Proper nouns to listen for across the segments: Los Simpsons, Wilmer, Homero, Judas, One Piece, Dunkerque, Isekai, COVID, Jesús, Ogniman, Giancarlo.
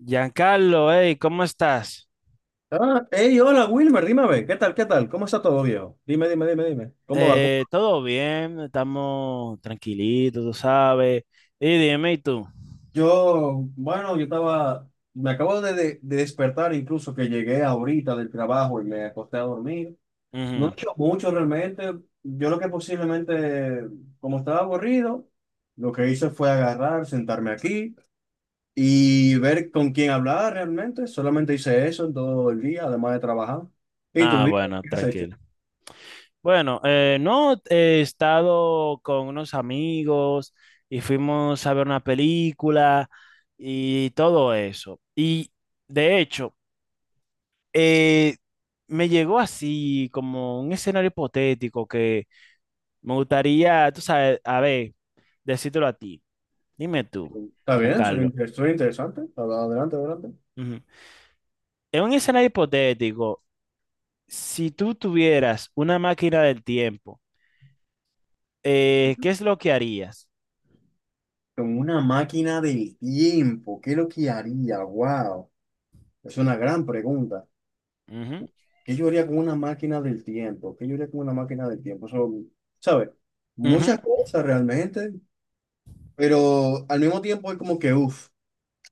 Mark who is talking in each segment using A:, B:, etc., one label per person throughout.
A: Giancarlo, hey, ¿cómo estás?
B: Ah, hey, hola Wilmer, dime a ver, ¿qué tal, qué tal? ¿Cómo está todo, viejo? Dime, dime, dime, dime. ¿Cómo va? ¿Cómo-
A: Todo bien, estamos tranquilitos, tú sabes. Y dime, ¿y tú?
B: Yo, bueno, yo estaba, me acabo de despertar incluso que llegué ahorita del trabajo y me acosté a dormir. No he
A: Ujú.
B: hecho mucho realmente. Yo lo que posiblemente, como estaba aburrido, lo que hice fue agarrar, sentarme aquí y ver con quién hablar realmente. Solamente hice eso en todo el día, además de trabajar. ¿Y tú,
A: Ah,
B: viejo,
A: bueno,
B: qué has hecho?
A: tranquilo. Bueno, no, he estado con unos amigos y fuimos a ver una película y todo eso. Y de hecho, eh, me llegó así como un escenario hipotético que me gustaría, tú sabes, a ver, decírtelo a ti. Dime tú,
B: Está bien, soy,
A: Giancarlo.
B: estoy interesante. Adelante, adelante.
A: Ujú. En un escenario hipotético, si tú tuvieras una máquina del tiempo, ¿qué
B: Ujú.
A: es lo que harías?
B: Como una máquina del tiempo, ¿qué es lo que haría? Wow, es una gran pregunta.
A: Ujú,
B: ¿Qué yo haría con una máquina del tiempo? ¿Qué yo haría con una máquina del tiempo? Son, ¿sabes?
A: ujú.
B: Muchas cosas realmente, pero al mismo tiempo es como que, uff,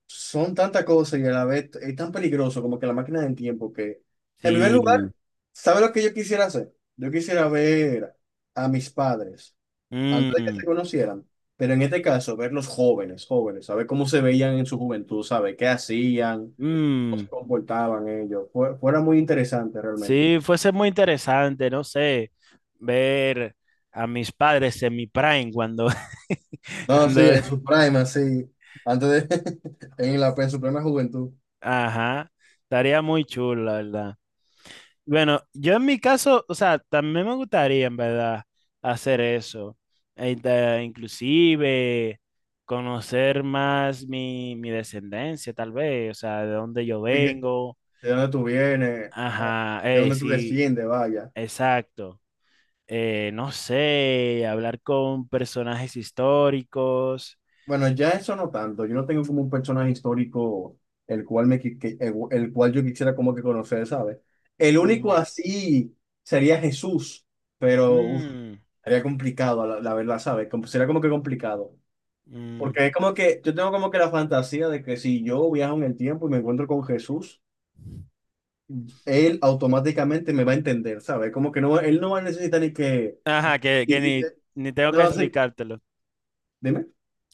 B: son tantas cosas y a la vez es tan peligroso como que la máquina del tiempo que, en primer
A: Sí.
B: lugar, ¿sabes lo que yo quisiera hacer? Yo quisiera ver a mis padres antes de que
A: Mm,
B: se conocieran, pero en este caso, verlos jóvenes, jóvenes, saber cómo se veían en su juventud, saber qué hacían, cómo
A: mm.
B: se comportaban ellos, fuera muy interesante realmente.
A: Sí, fuese muy interesante, no sé, ver a mis padres en mi prime cuando,
B: No,
A: cuando,
B: sí, en su prime, así, antes de, en en su plena juventud.
A: ajá, estaría muy chulo, la verdad. Bueno, yo en mi caso, o sea, también me gustaría en verdad hacer eso. Inclusive conocer más mi descendencia, tal vez, o sea, de dónde yo
B: Así que,
A: vengo.
B: ¿de dónde tú vienes? Ah,
A: Ajá,
B: ¿de dónde tú
A: sí,
B: desciendes? Vaya.
A: exacto. No sé, hablar con personajes históricos.
B: Bueno, ya eso no tanto. Yo no tengo como un personaje histórico el cual me qui- que- el cual yo quisiera como que conocer, ¿sabes? El único
A: Mm,
B: así sería Jesús, pero uf,
A: mm,
B: sería complicado, la verdad, ¿sabes? Como- sería como que complicado.
A: mm.
B: Porque es como que yo tengo como que la fantasía de que si yo viajo en el tiempo y me encuentro con Jesús, él automáticamente me va a entender, ¿sabes? Como que no, él no va a necesitar ni que...
A: Ajá,
B: ni-
A: que
B: ni-
A: ni, ni tengo que
B: No, sí,
A: explicártelo.
B: dime.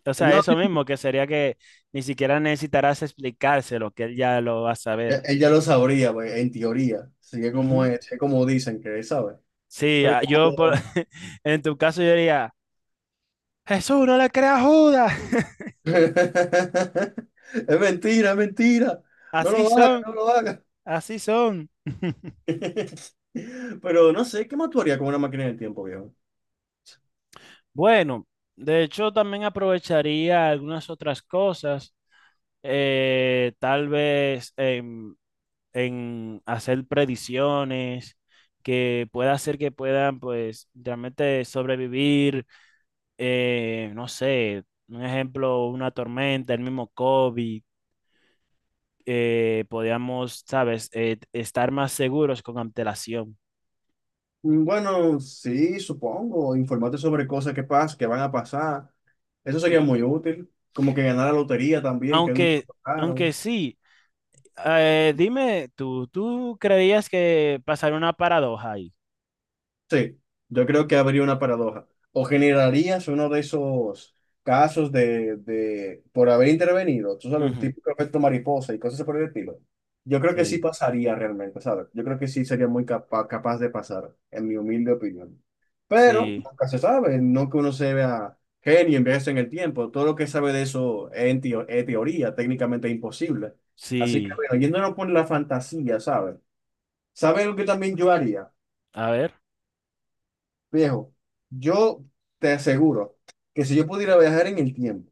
A: O sea,
B: No, sí,
A: eso
B: sí,
A: mismo, que sería que ni siquiera necesitarás explicárselo, que él ya lo va a saber.
B: Ella lo sabría, güey, en teoría. Sigue como
A: Ujú.
B: es como dicen que él sabe.
A: Sí,
B: Pero
A: ah, en tu caso yo diría, Jesús, no le creas a Judas.
B: es mentira, es mentira. No
A: Así
B: lo haga,
A: son,
B: no lo haga.
A: así son.
B: Pero no sé, ¿qué más tú harías con una máquina del tiempo, viejo?
A: Bueno, de hecho también aprovecharía algunas otras cosas, tal vez en hacer predicciones que pueda hacer que puedan pues realmente sobrevivir no sé, un ejemplo, una tormenta, el mismo COVID, podíamos, sabes, estar más seguros con antelación.
B: Mm, bueno, sí, supongo. Informarte sobre cosas que pasan, que van a pasar. Eso sería
A: Ujú.
B: muy útil. Como que ganar la lotería también, que nunca
A: Aunque, aunque
B: tocaron.
A: sí, dime, ¿tú, tú creías que pasaría una paradoja ahí?
B: Sí, yo creo que habría una paradoja. O generarías uno de esos casos de por haber intervenido, tú sabes,
A: Ujú.
B: tipo efecto mariposa y cosas por el estilo. Yo creo que sí
A: Sí.
B: pasaría realmente, ¿sabes? Yo creo que sí sería muy capaz de pasar, en mi humilde opinión. Pero
A: Sí,
B: nunca se sabe, no que uno se vea genio, envejece en el tiempo. Todo lo que sabe de eso es, en es teoría, técnicamente imposible. Así que,
A: sí,
B: bueno, yéndonos por la fantasía, ¿sabes? ¿Sabes lo que también yo haría?
A: a ver.
B: Viejo, yo te aseguro que si yo pudiera viajar en el tiempo,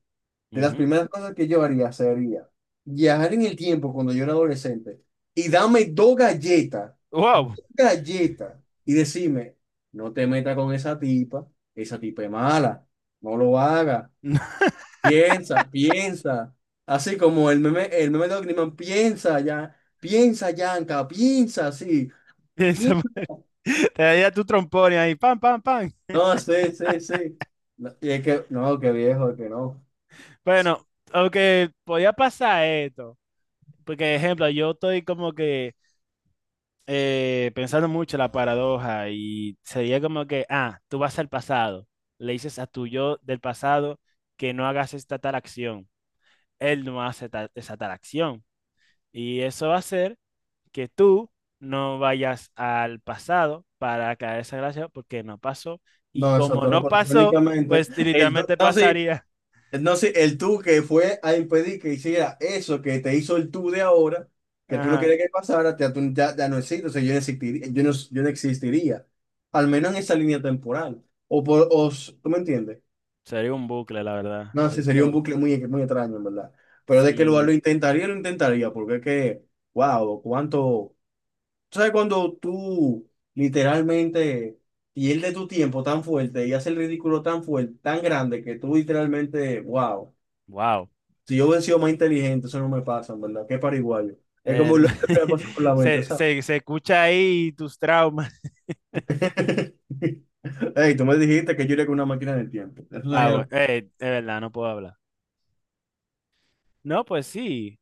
B: de las
A: Ujú.
B: primeras cosas que yo haría sería viajar en el tiempo cuando yo era adolescente y dame
A: ¡Wow!
B: dos galletas y decirme, no te metas con esa tipa es mala, no lo hagas, piensa, piensa. Así como el meme de Ogniman, piensa ya, piensa Yanka, piensa así.
A: Piensa, te daría tu trompón y ahí, pam, pam, pam.
B: No, sí, sí, sí. No, y es que, no, qué viejo, que no.
A: Bueno, aunque podía pasar esto, porque ejemplo, yo estoy como que pensando mucho la paradoja y sería como que, ah, tú vas al pasado, le dices a tu yo del pasado que no hagas esta tal acción, él no hace esa tal acción y eso va a hacer que tú no vayas al pasado para caer esa gracia porque no pasó y
B: No, eso
A: como
B: todo lo
A: no
B: pasó
A: pasó,
B: técnicamente.
A: pues
B: El tú-
A: literalmente
B: no, sí,
A: pasaría.
B: No, sí, el tú que fue a impedir que hiciera eso que te hizo el tú de ahora, que tú no
A: Ajá.
B: querías que pasara, ya, ya no existe, o sea, yo no existiría, yo no existiría, al menos en esa línea temporal. O, por, o s- ¿Tú me entiendes?
A: Sería un bucle, la verdad.
B: No, sí, sería un
A: Eso
B: bucle muy, muy extraño, en verdad. Pero de que
A: sí,
B: lo intentaría, porque es que, wow, cuánto. Tú sabes cuando tú literalmente pierdes tu tiempo tan fuerte y haces el ridículo tan fuerte, tan grande, que tú literalmente, wow,
A: wow.
B: si yo hubiera sido más inteligente, eso no me pasa, en verdad, qué pariguayo. Es como lo que me pasó por la mente, ¿sabes?
A: Se escucha ahí tus traumas.
B: Ey, tú me dijiste que yo iría con una máquina del tiempo. Eso
A: Ah, bueno,
B: sería,
A: de verdad, no puedo hablar. No, pues sí,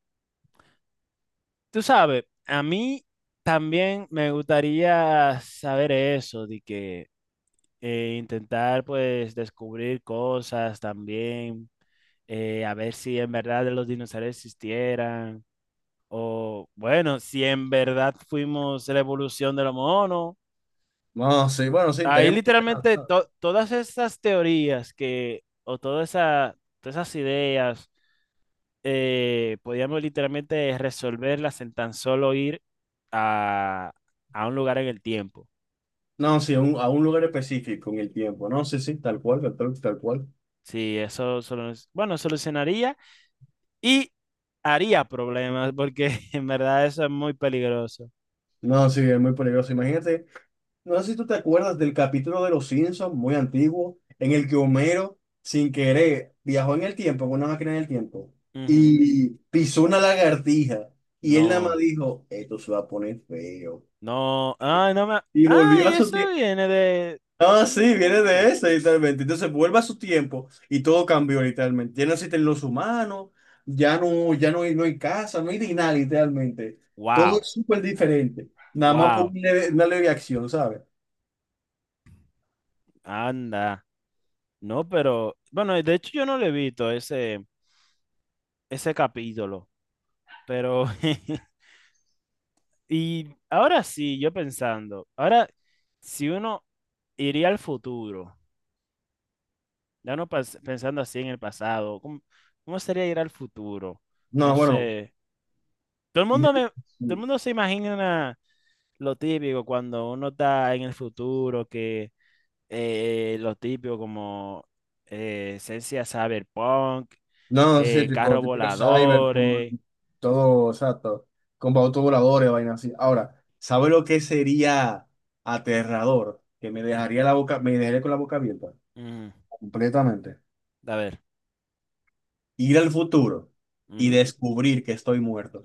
A: tú sabes, a mí también me gustaría saber eso, de que intentar pues descubrir cosas también, a ver si en verdad los dinosaurios existieran, o bueno, si en verdad fuimos la evolución de los monos.
B: no, sí, bueno, sí,
A: Ahí
B: estaría muy
A: literalmente
B: interesante.
A: todas esas teorías que, o todas esas ideas podíamos literalmente resolverlas en tan solo ir a, a un lugar en el tiempo.
B: No, sí, a un lugar específico en el tiempo. No, sí, sí, tal cual, tal cual.
A: Sí, eso solo, bueno, solucionaría y haría problemas porque en verdad eso es muy peligroso.
B: No, sí, es muy peligroso. Imagínate. No sé si tú te acuerdas del capítulo de Los Simpsons, muy antiguo, en el que Homero, sin querer, viajó en el tiempo, con una máquina en el tiempo,
A: Ujú.
B: y pisó una lagartija. Y él nada más
A: No,
B: dijo, esto se va a poner feo.
A: no, ay, no me,
B: Y volvió
A: ay,
B: a su
A: eso
B: tiempo.
A: viene de,
B: Ah,
A: ese
B: sí,
A: mismo viene
B: viene
A: de
B: de
A: ahí.
B: ese, literalmente. Entonces vuelve a su tiempo y todo cambió, literalmente. Ya no existen los humanos, ya no, ya no hay, no hay casa, no hay ni nada, literalmente. Todo
A: Wow,
B: es súper diferente. Nada más por
A: wow,
B: una leve acción, ¿sabes?
A: anda. No, pero, bueno, de hecho yo no lo he visto ese, ese capítulo, pero y ahora sí, yo pensando, ahora si uno iría al futuro, ya no pensando así en el pasado, ¿cómo, cómo sería ir al futuro? No
B: No, bueno.
A: sé.
B: Y-
A: Todo el mundo se imagina lo típico cuando uno está en el futuro, que lo típico como esencia cyberpunk,
B: No, sí, tipo,
A: carros
B: típico cyberpunk,
A: voladores.
B: todo, exacto, con autos voladores, vaina así. Ahora, ¿sabe lo que sería aterrador? Que me
A: Ujú,
B: dejaría la boca, me dejaría con la boca abierta,
A: ujú.
B: completamente.
A: A ver.
B: Ir al futuro y
A: Ujú.
B: descubrir que estoy muerto.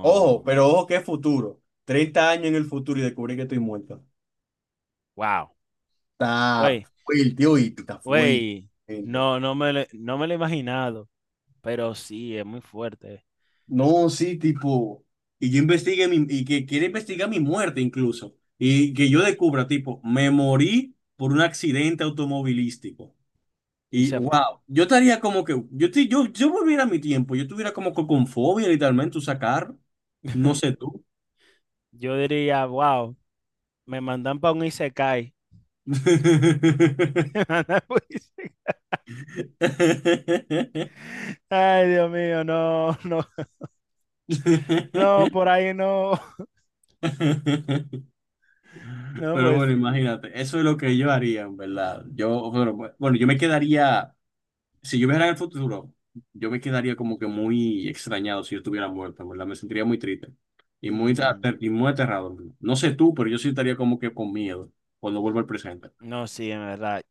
B: Ojo, pero ojo, ¿qué futuro? 30 años en el futuro y descubrir que estoy muerto.
A: Wow.
B: Está fuerte, uy, está fuerte.
A: Güey,
B: Gente.
A: no me lo he imaginado, pero sí, es muy fuerte.
B: No, sí, tipo, y yo investigue mi, y que quiere investigar mi muerte incluso, y que yo descubra, tipo, me morí por un accidente automovilístico.
A: Y
B: Y
A: se fue.
B: wow, yo estaría como que, yo, si yo volviera a mi tiempo, yo estuviera como que con fobia literalmente, usar carro, no sé tú.
A: Yo diría, wow, me mandan para un Isekai. Me mandan pa' un ise- Ay, Dios mío, no, no, no, por ahí no. No,
B: Pero
A: pues
B: bueno,
A: sí.
B: imagínate, eso es lo que yo haría, en verdad. Yo, pero, bueno, yo me quedaría. Si yo viajara al futuro, yo me quedaría como que muy extrañado si yo estuviera muerto, ¿verdad? Me sentiría muy triste y muy,
A: Mm,
B: y muy aterrado. No sé tú, pero yo sí estaría como que con miedo cuando vuelvo al presente.
A: no, sí, en verdad.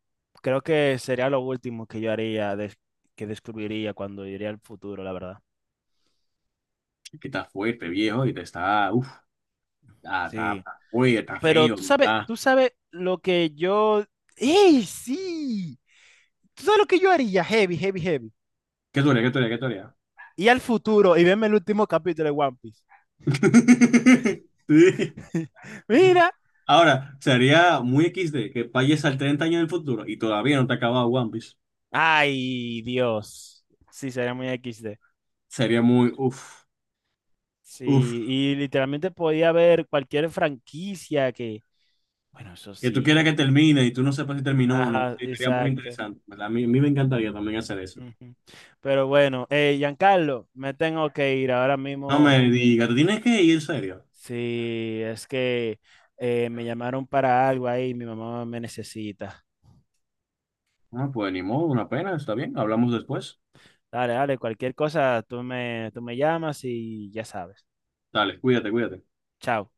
A: Creo que sería lo último que yo haría, que descubriría cuando iría al futuro, la verdad.
B: Que está fuerte, viejo, y te está, uff,
A: Sí.
B: está fuerte, está
A: Pero
B: feo. Está.
A: tú sabes lo que yo... ¡Ey, sí! ¿Tú sabes lo que yo haría? Heavy, heavy, heavy.
B: ¿Qué tú harías? ¿Qué tú harías? ¿Qué tú harías?
A: Y al futuro y verme el último capítulo de One Piece.
B: Sí.
A: Mira.
B: Ahora, sería muy XD que vayas al 30 años del futuro y todavía no te ha acabado One Piece.
A: Ay, Dios. Sí, sería muy XD.
B: Sería muy, uff,
A: Sí,
B: uff.
A: y literalmente podía haber cualquier franquicia que. Bueno, eso
B: Que tú
A: sí.
B: quieras que termine y tú no sepas si terminó o no,
A: Ajá,
B: sí, sería muy
A: exacto.
B: interesante, ¿verdad? A mí me encantaría también hacer eso.
A: Ujú. Pero bueno, Giancarlo, me tengo que ir ahora
B: No me
A: mismo.
B: digas, tú tienes que ir, en serio.
A: Sí, es que me llamaron para algo ahí, mi mamá me necesita.
B: Ah, pues ni modo, una pena, está bien, hablamos después.
A: Dale, dale, cualquier cosa, tú me llamas y ya sabes.
B: Dale, cuídate, cuídate.
A: Chao.